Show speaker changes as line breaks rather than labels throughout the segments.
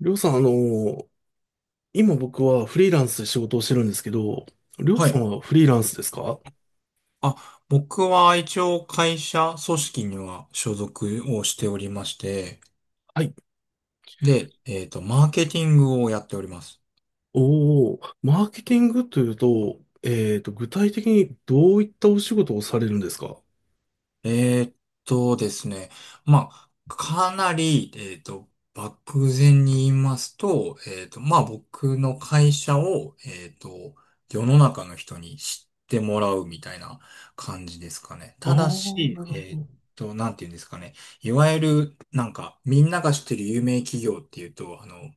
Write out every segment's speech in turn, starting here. りょうさん、今僕はフリーランスで仕事をしてるんですけど、りょう
は
さ
い。
んはフリーランスですか？
あ、僕は一応会社組織には所属をしておりまして、
はい。
で、マーケティングをやっております。
おー、マーケティングというと、具体的にどういったお仕事をされるんですか？
えーっですね、まあ、かなり、漠然に言いますと、まあ、僕の会社を、世の中の人に知ってもらうみたいな感じですかね。
ああ
ただ
ー、な
し、
るほど。
なんて言うんですかね。いわゆる、なんか、みんなが知ってる有名企業っていうと、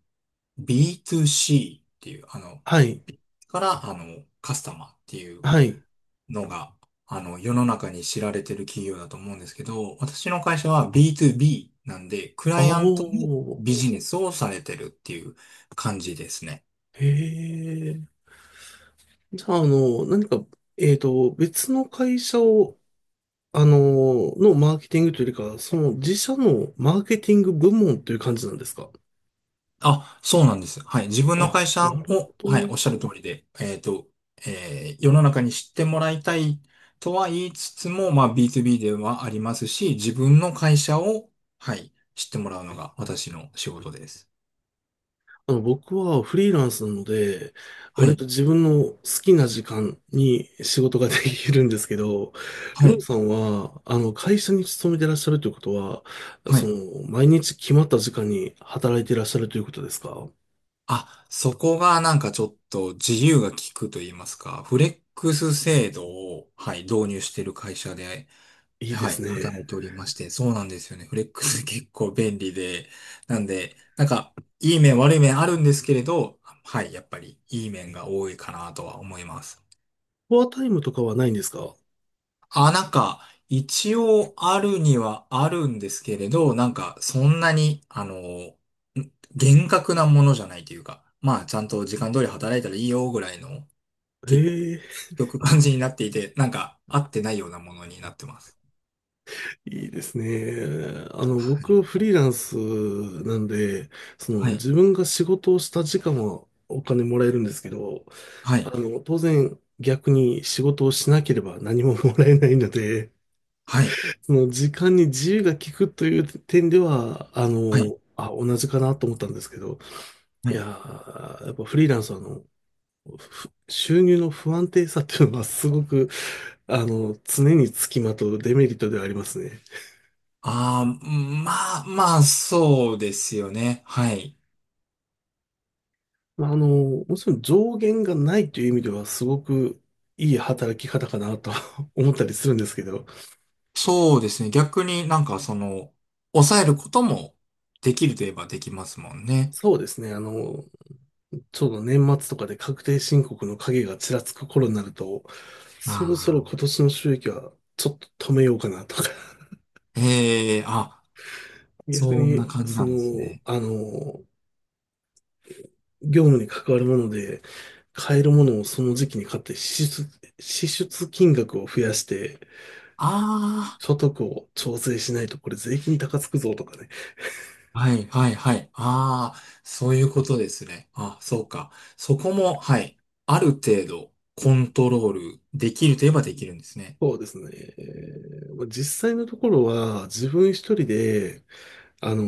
B2C っていう、
はい。
から、カスタマーっていう
はい。
のが、世の中に知られてる企業だと思うんですけど、私の会社は B2B なんで、ク
あ
ライアントの
ー、
ビジネスをされてるっていう感じですね。
へえ。じゃあ、あの、何か、別の会社を、あののマーケティングというよりかその自社のマーケティング部門という感じなんですか？
あ、そうなんです。はい。自分の
あ、
会社
なるほ
を、はい、お
ど。
っしゃる通りで、えー世の中に知ってもらいたいとは言いつつも、まあ B2B ではありますし、自分の会社を、はい、知ってもらうのが私の仕事です。
あの、僕はフリーランスなので、
は
割
い、
と自分の好きな時間に仕事が できるんですけど、り
は
ょう
い、
さんは、あの、会社に勤めてらっしゃるということは、
は
そ
い。
の、毎日決まった時間に働いてらっしゃるということですか？
あ、そこがなんかちょっと自由が利くと言いますか、フレックス制度を、はい、導入している会社で、
いいで
は
す
い、働い
ね。
ておりまして、そうなんですよね。フレックス結構便利で、なんで、なんか、いい面悪い面あるんですけれど、はい、やっぱりいい面が多いかなとは思います。
フォアタイムとかはないんですか？
あ、なんか、一応あるにはあるんですけれど、なんか、そんなに、厳格なものじゃないというか、まあ、ちゃんと時間通り働いたらいいよぐらいの、
へ
結
え、
局感じになっていて、なんか、合ってないようなものになってます。
いいですね。あの、
はい。
僕、フリーランスなんで、そ
は
の、
い。
自分が仕事をした時間はお金もらえるんですけど、
は
あ
い。
の、当然逆に仕事をしなければ何ももらえないので、
はい。
その時間に自由が利くという点では、あ
はい。
の、あ、同じかなと思ったんですけど、
は
いや
い。
ー、やっぱフリーランスはあの、ふ収入の不安定さっていうのはすごく、あの、常につきまとうデメリットではありますね。
ああ、まあ、まあ、そうですよね。はい。
まあ、あの、もちろん上限がないという意味ではすごくいい働き方かなと 思ったりするんですけど、
そうですね。逆になんか、その、抑えることもできるといえばできますもんね。
そうですね、あの、ちょうど年末とかで確定申告の影がちらつく頃になると、そろそろ
あ
今
あ。
年の収益はちょっと止めようかなとか、
へえ、あ、
逆
そんな
に、
感じ
そ
なんです
の、
ね。
あの、業務に関わるもので、買えるものをその時期に買って支出、支出金額を増やして、
あ
所得を調整しないとこれ税金高つくぞとかね。
あ、はい、はい、はい。ああ、そういうことですね。あ、そうか。そこも、はい。ある程度、コントロールできるといえばできるんですね。
そうですね。まあ実際のところは自分一人で、あの、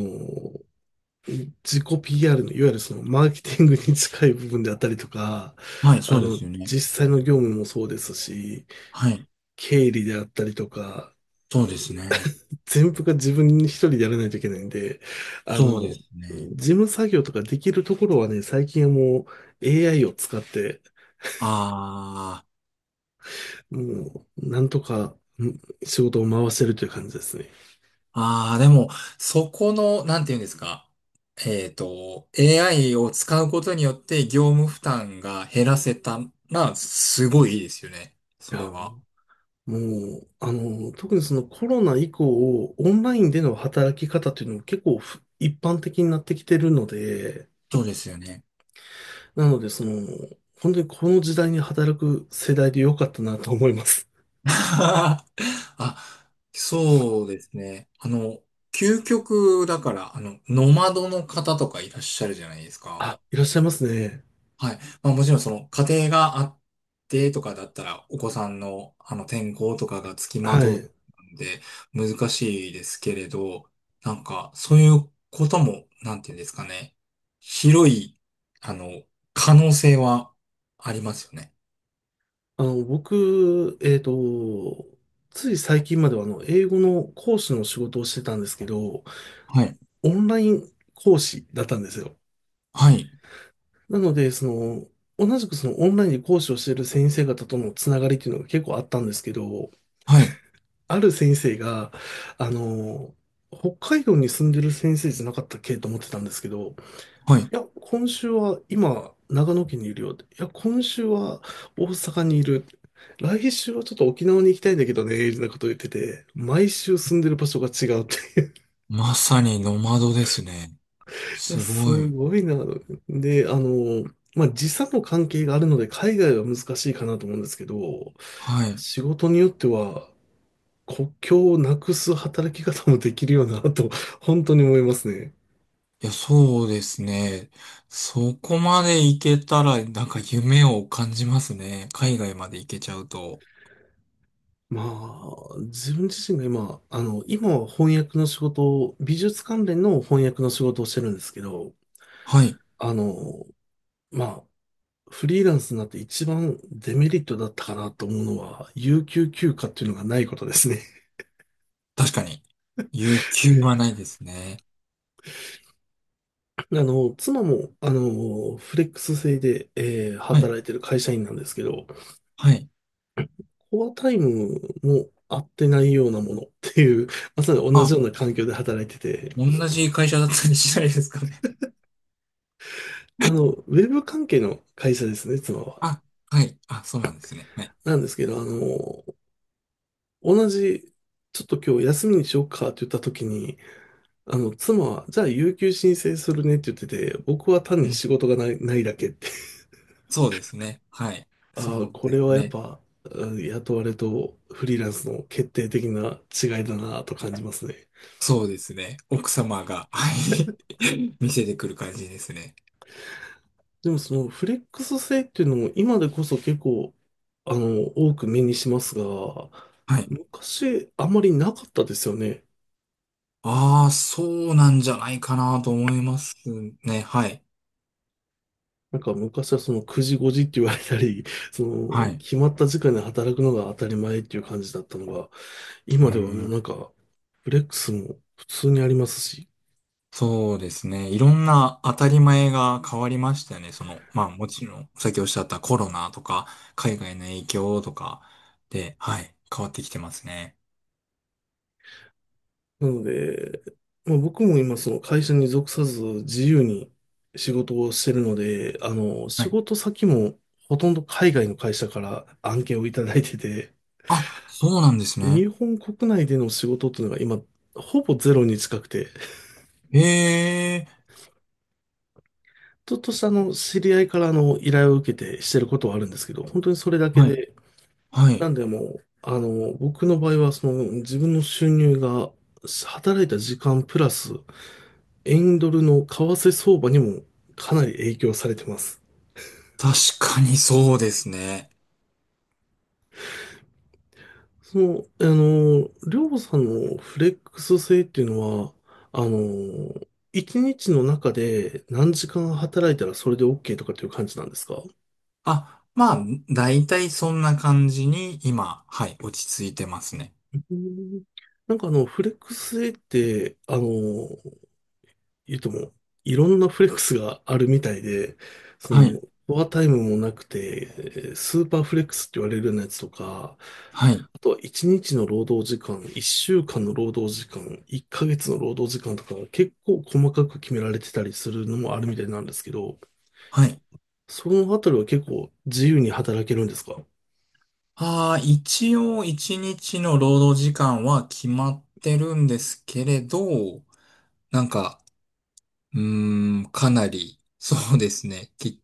自己 PR の、いわゆるそのマーケティングに近い部分であったりとか、
はい、そ
あ
うで
の、
すよね。
実際の業務もそうですし、
はい、
経理であったりとか、
そうですね。
全部が自分一人でやらないといけないんで、あ
そうで
の、
すね。
事務作業とかできるところはね、最近はもう AI を使って、
あ
もう、なんとかん仕事を回してるという感じですね。
あ、ああ、でも、そこの、なんていうんですか。AI を使うことによって業務負担が減らせたら、すごいいいですよね。
い
それ
や、
は。
もう、あの、特にそのコロナ以降、オンラインでの働き方というのも結構ふ一般的になってきてるので、
そうですよね。
なので、その、本当にこの時代に働く世代で良かったなと思います。
あ、そうですね。究極だから、ノマドの方とかいらっしゃるじゃないですか。
あ、いらっしゃいますね。
はい。まあもちろんその家庭があってとかだったら、お子さんのあの転校とかがつきま
は
とう
い。
んで難しいですけれど、なんかそういうことも、なんていうんですかね。広い、あの、可能性はありますよね。
あの、僕、つい最近まではあの、英語の講師の仕事をしてたんですけど、
はい。
オンライン講師だったんですよ。
はい。
なので、その、同じくそのオンラインで講師をしている先生方とのつながりっていうのが結構あったんですけど、
はい。
ある先生が、あの、北海道に住んでる先生じゃなかったっけと思ってたんですけど、い
はい。
や、今週は今、長野県にいるよって、いや、今週は大阪にいる。来週はちょっと沖縄に行きたいんだけどね、みたいなことを言ってて、毎週住んでる場所が違うっていう、
まさにノマドですね。す
す
ごい。
ごいな。で、あの、まあ、時差の関係があるので、海外は難しいかなと思うんですけど、
はい。
仕事によっては、国境をなくす働き方もできるよなと、本当に思いますね。
いや、そうですね。そこまで行けたら、なんか夢を感じますね。海外まで行けちゃうと。
まあ、自分自身が今、あの、今は翻訳の仕事を、美術関連の翻訳の仕事をしてるんですけど、
はい。
あの、まあ、フリーランスになって一番デメリットだったかなと思うのは、有給休暇っていうのがないことですね。
確かに。有給はないですね。
あの、妻も、あの、フレックス制で、
はい。
働いてる会社員なんですけど、
はい。
コアタイムも合ってないようなものっていう、まさに同じ
あ、
ような環境で働いてて、
同じ会社だったりしないですかね。
あの、ウェブ関係の会社ですね、妻は。
あ、はい。あ、そうなんですね。はい。
なんですけど、あの、同じ、ちょっと今日休みにしようかって言った時に、あの、妻は、じゃあ、有給申請するねって言ってて、僕は単
う
に
ん。
仕事がない、ないだけって、
そうですね。はい。
ああ、
そう
こ
で
れ
す
はやっ
ね。
ぱ、うん雇われとフリーランスの決定的な違いだなと感じますね。
そうですね。奥様が、はい。見せてくる感じですね。
でもそのフレックス性っていうのも今でこそ結構、あの、多く目にしますが、
はい
昔あまりなかったですよね。
ああ、そうなんじゃないかなと思いますね。はい。
なんか昔はその9時5時って言われたり、そ
は
の
い。
決まった時間で働くのが当たり前っていう感じだったのが、
う
今ではもう
ん。
なんかフレックスも普通にありますし、
そうですね。いろんな当たり前が変わりましたよね。その、まあもちろん、さっきおっしゃったコロナとか、海外の影響とかで、はい、変わってきてますね。
なので、まあ、僕も今その会社に属さず自由に仕事をしてるので、あの、
は
仕
い。
事先もほとんど海外の会社から案件をいただいてて、
あ、そうなんです
日
ね。
本国内での仕事っていうのが今、ほぼゼロに近くて、
ええ、
ちょっとしたあの、知り合いからあの、依頼を受けてしてることはあるんですけど、本当にそれだけ
はい。
で、
はい。
なんでもう、あの、僕の場合はその、自分の収入が働いた時間プラス、円ドルの為替相場にもかなり影響されてます。
確かにそうですね。
その、あの、りょうさんのフレックス性っていうのは、あの、一日の中で何時間働いたらそれで OK とかっていう感じなんですか？
あ、まあ、だいたいそんな感じに今、はい、落ち着いてますね。
うんなんかあの、フレックス性って、あの、言うとも、いろんなフレックスがあるみたいで、そ
は
の、
い。
フォアタイムもなくて、スーパーフレックスって言われるようなやつとか、
はい。
あとは1日の労働時間、1週間の労働時間、1ヶ月の労働時間とか、結構細かく決められてたりするのもあるみたいなんですけど、
はい。
そのあたりは結構自由に働けるんですか？
ああ、一応一日の労働時間は決まってるんですけれど、なんか、うーん、かなり、そうですね、き、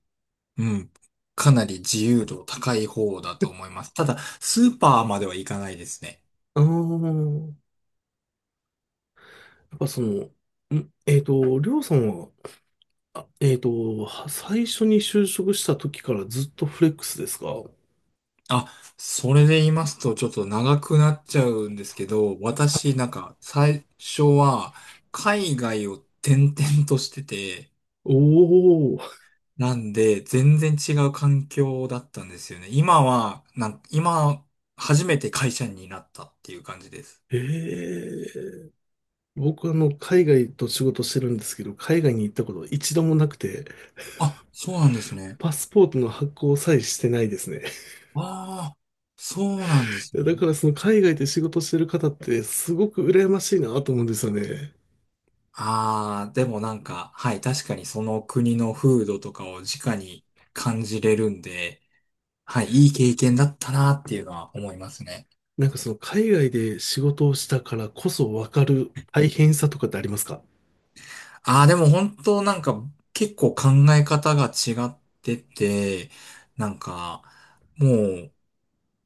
うん、かなり自由度高い方だと思います。ただ、スーパーまでは行かないですね。
ああ、やっぱその、ん、りょうさんは、あ、は最初に就職した時からずっとフレックスですか？
あ、それで言いますと、ちょっと長くなっちゃうんですけど、私、なんか、最初は、海外を転々としてて、
おー、
なんで、全然違う環境だったんですよね。今は、なん、今、初めて会社員になったっていう感じです。
ええ僕あの、海外と仕事してるんですけど、海外に行ったこと一度もなくて、
あ、そうなんですね。
パスポートの発行さえしてないですね。
ああ、そうなんですね。
だからその海外で仕事してる方ってすごく羨ましいなと思うんですよね。
ああ、でもなんか、はい、確かにその国の風土とかを直に感じれるんで、はい、いい経験だったなっていうのは思いますね。
なんかその海外で仕事をしたからこそわかる大変さとかってありますか？
ああ、でも本当なんか結構考え方が違ってて、なんかもう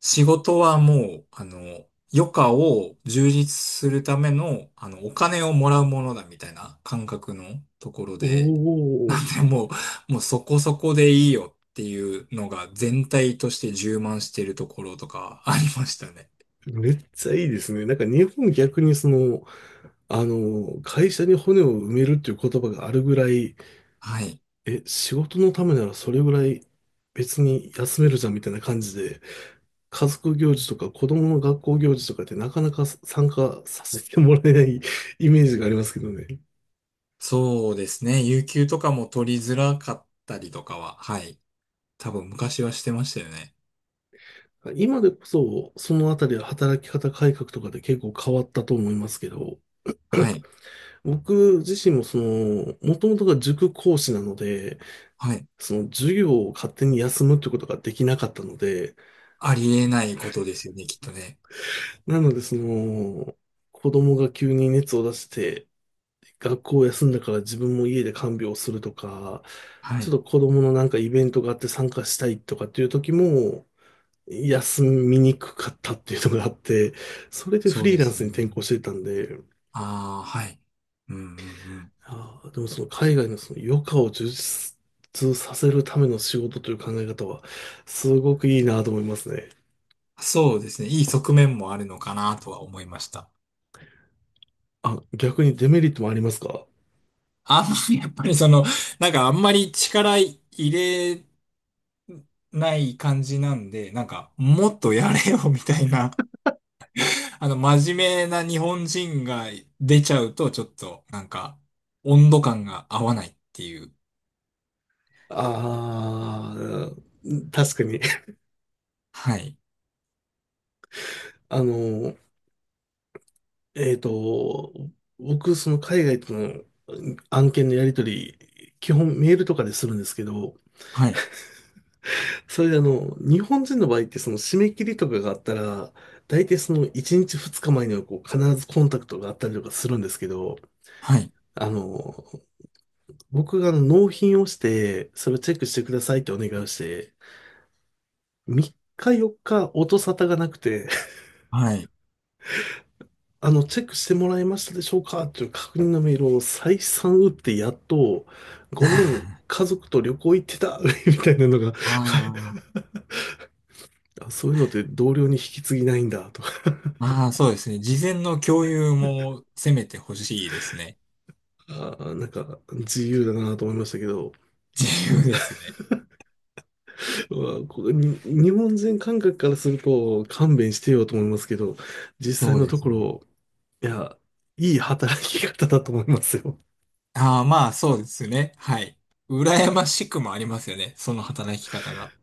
仕事はもう、余暇を充実するための、お金をもらうものだみたいな感覚のところ
お、
で、なんでもう、もうそこそこでいいよっていうのが全体として充満しているところとかありましたね。
めっちゃいいですね。なんか日本逆にその、あの、会社に骨を埋めるっていう言葉があるぐらい、
はい。
え、仕事のためならそれぐらい別に休めるじゃんみたいな感じで、家族行事とか子供の学校行事とかってなかなか参加させてもらえない イメージがありますけどね。
そうですね。有給とかも取りづらかったりとかは、はい。多分昔はしてましたよね。
今でこそ、そのあたりは働き方改革とかで結構変わったと思いますけど、
はい。
僕自身もその、もともとが塾講師なので、
はい。
その授業を勝手に休むってことができなかったので、
ありえないことですよね、きっとね。
なのでその、子供が急に熱を出して、学校を休んだから自分も家で看病をするとか、
は
ちょ
い。
っと子供のなんかイベントがあって参加したいとかっていう時も、休みにくかったっていうのがあって、それでフ
そう
リー
で
ラン
す
ス
よ
に転向し
ね。
ていたんで、
ああ、はい。うんうんうん。
あーでもその海外のその余暇を充実させるための仕事という考え方は、すごくいいなと思いますね。
そうですね。いい側面もあるのかなとは思いました。
あ、逆にデメリットもありますか？
あんまり、やっぱりその、なんかあんまり力入れない感じなんで、なんかもっとやれよみたいな、真面目な日本人が出ちゃうと、ちょっと、なんか、温度感が合わないっていう。
ああー、確かに。
はい。
あの、えっと、僕、その海外との案件のやり取り、基本メールとかでするんですけど、
はい。
それであの、日本人の場合ってその締め切りとかがあったら、大体その1日2日前にはこう必ずコンタクトがあったりとかするんですけど、
はい。
あの、僕があの納品をして、それをチェックしてくださいってお願いをして、3日4日音沙汰がなくて、
はい。
あの、チェックしてもらえましたでしょうかという確認のメールを再三打ってやっと、ごめん、
あ
家族と旅行行ってた みたいなのが、あ、そういうのって同僚に引き継ぎないんだとか、
あ、ああ、そうですね。事前の共有もせめてほしいですね。
あーなんか自由だなと思いましたけど、
自
ま
由
あ、
ですね。
まあこれに日本人感覚からすると勘弁してよと思いますけど、実際
そう
の
で
と
す
こ
ね。
ろ、いや、いい働き方だと思いますよ。
ああ、まあ、そうですね。はい。羨ましくもありますよね。その働き方が。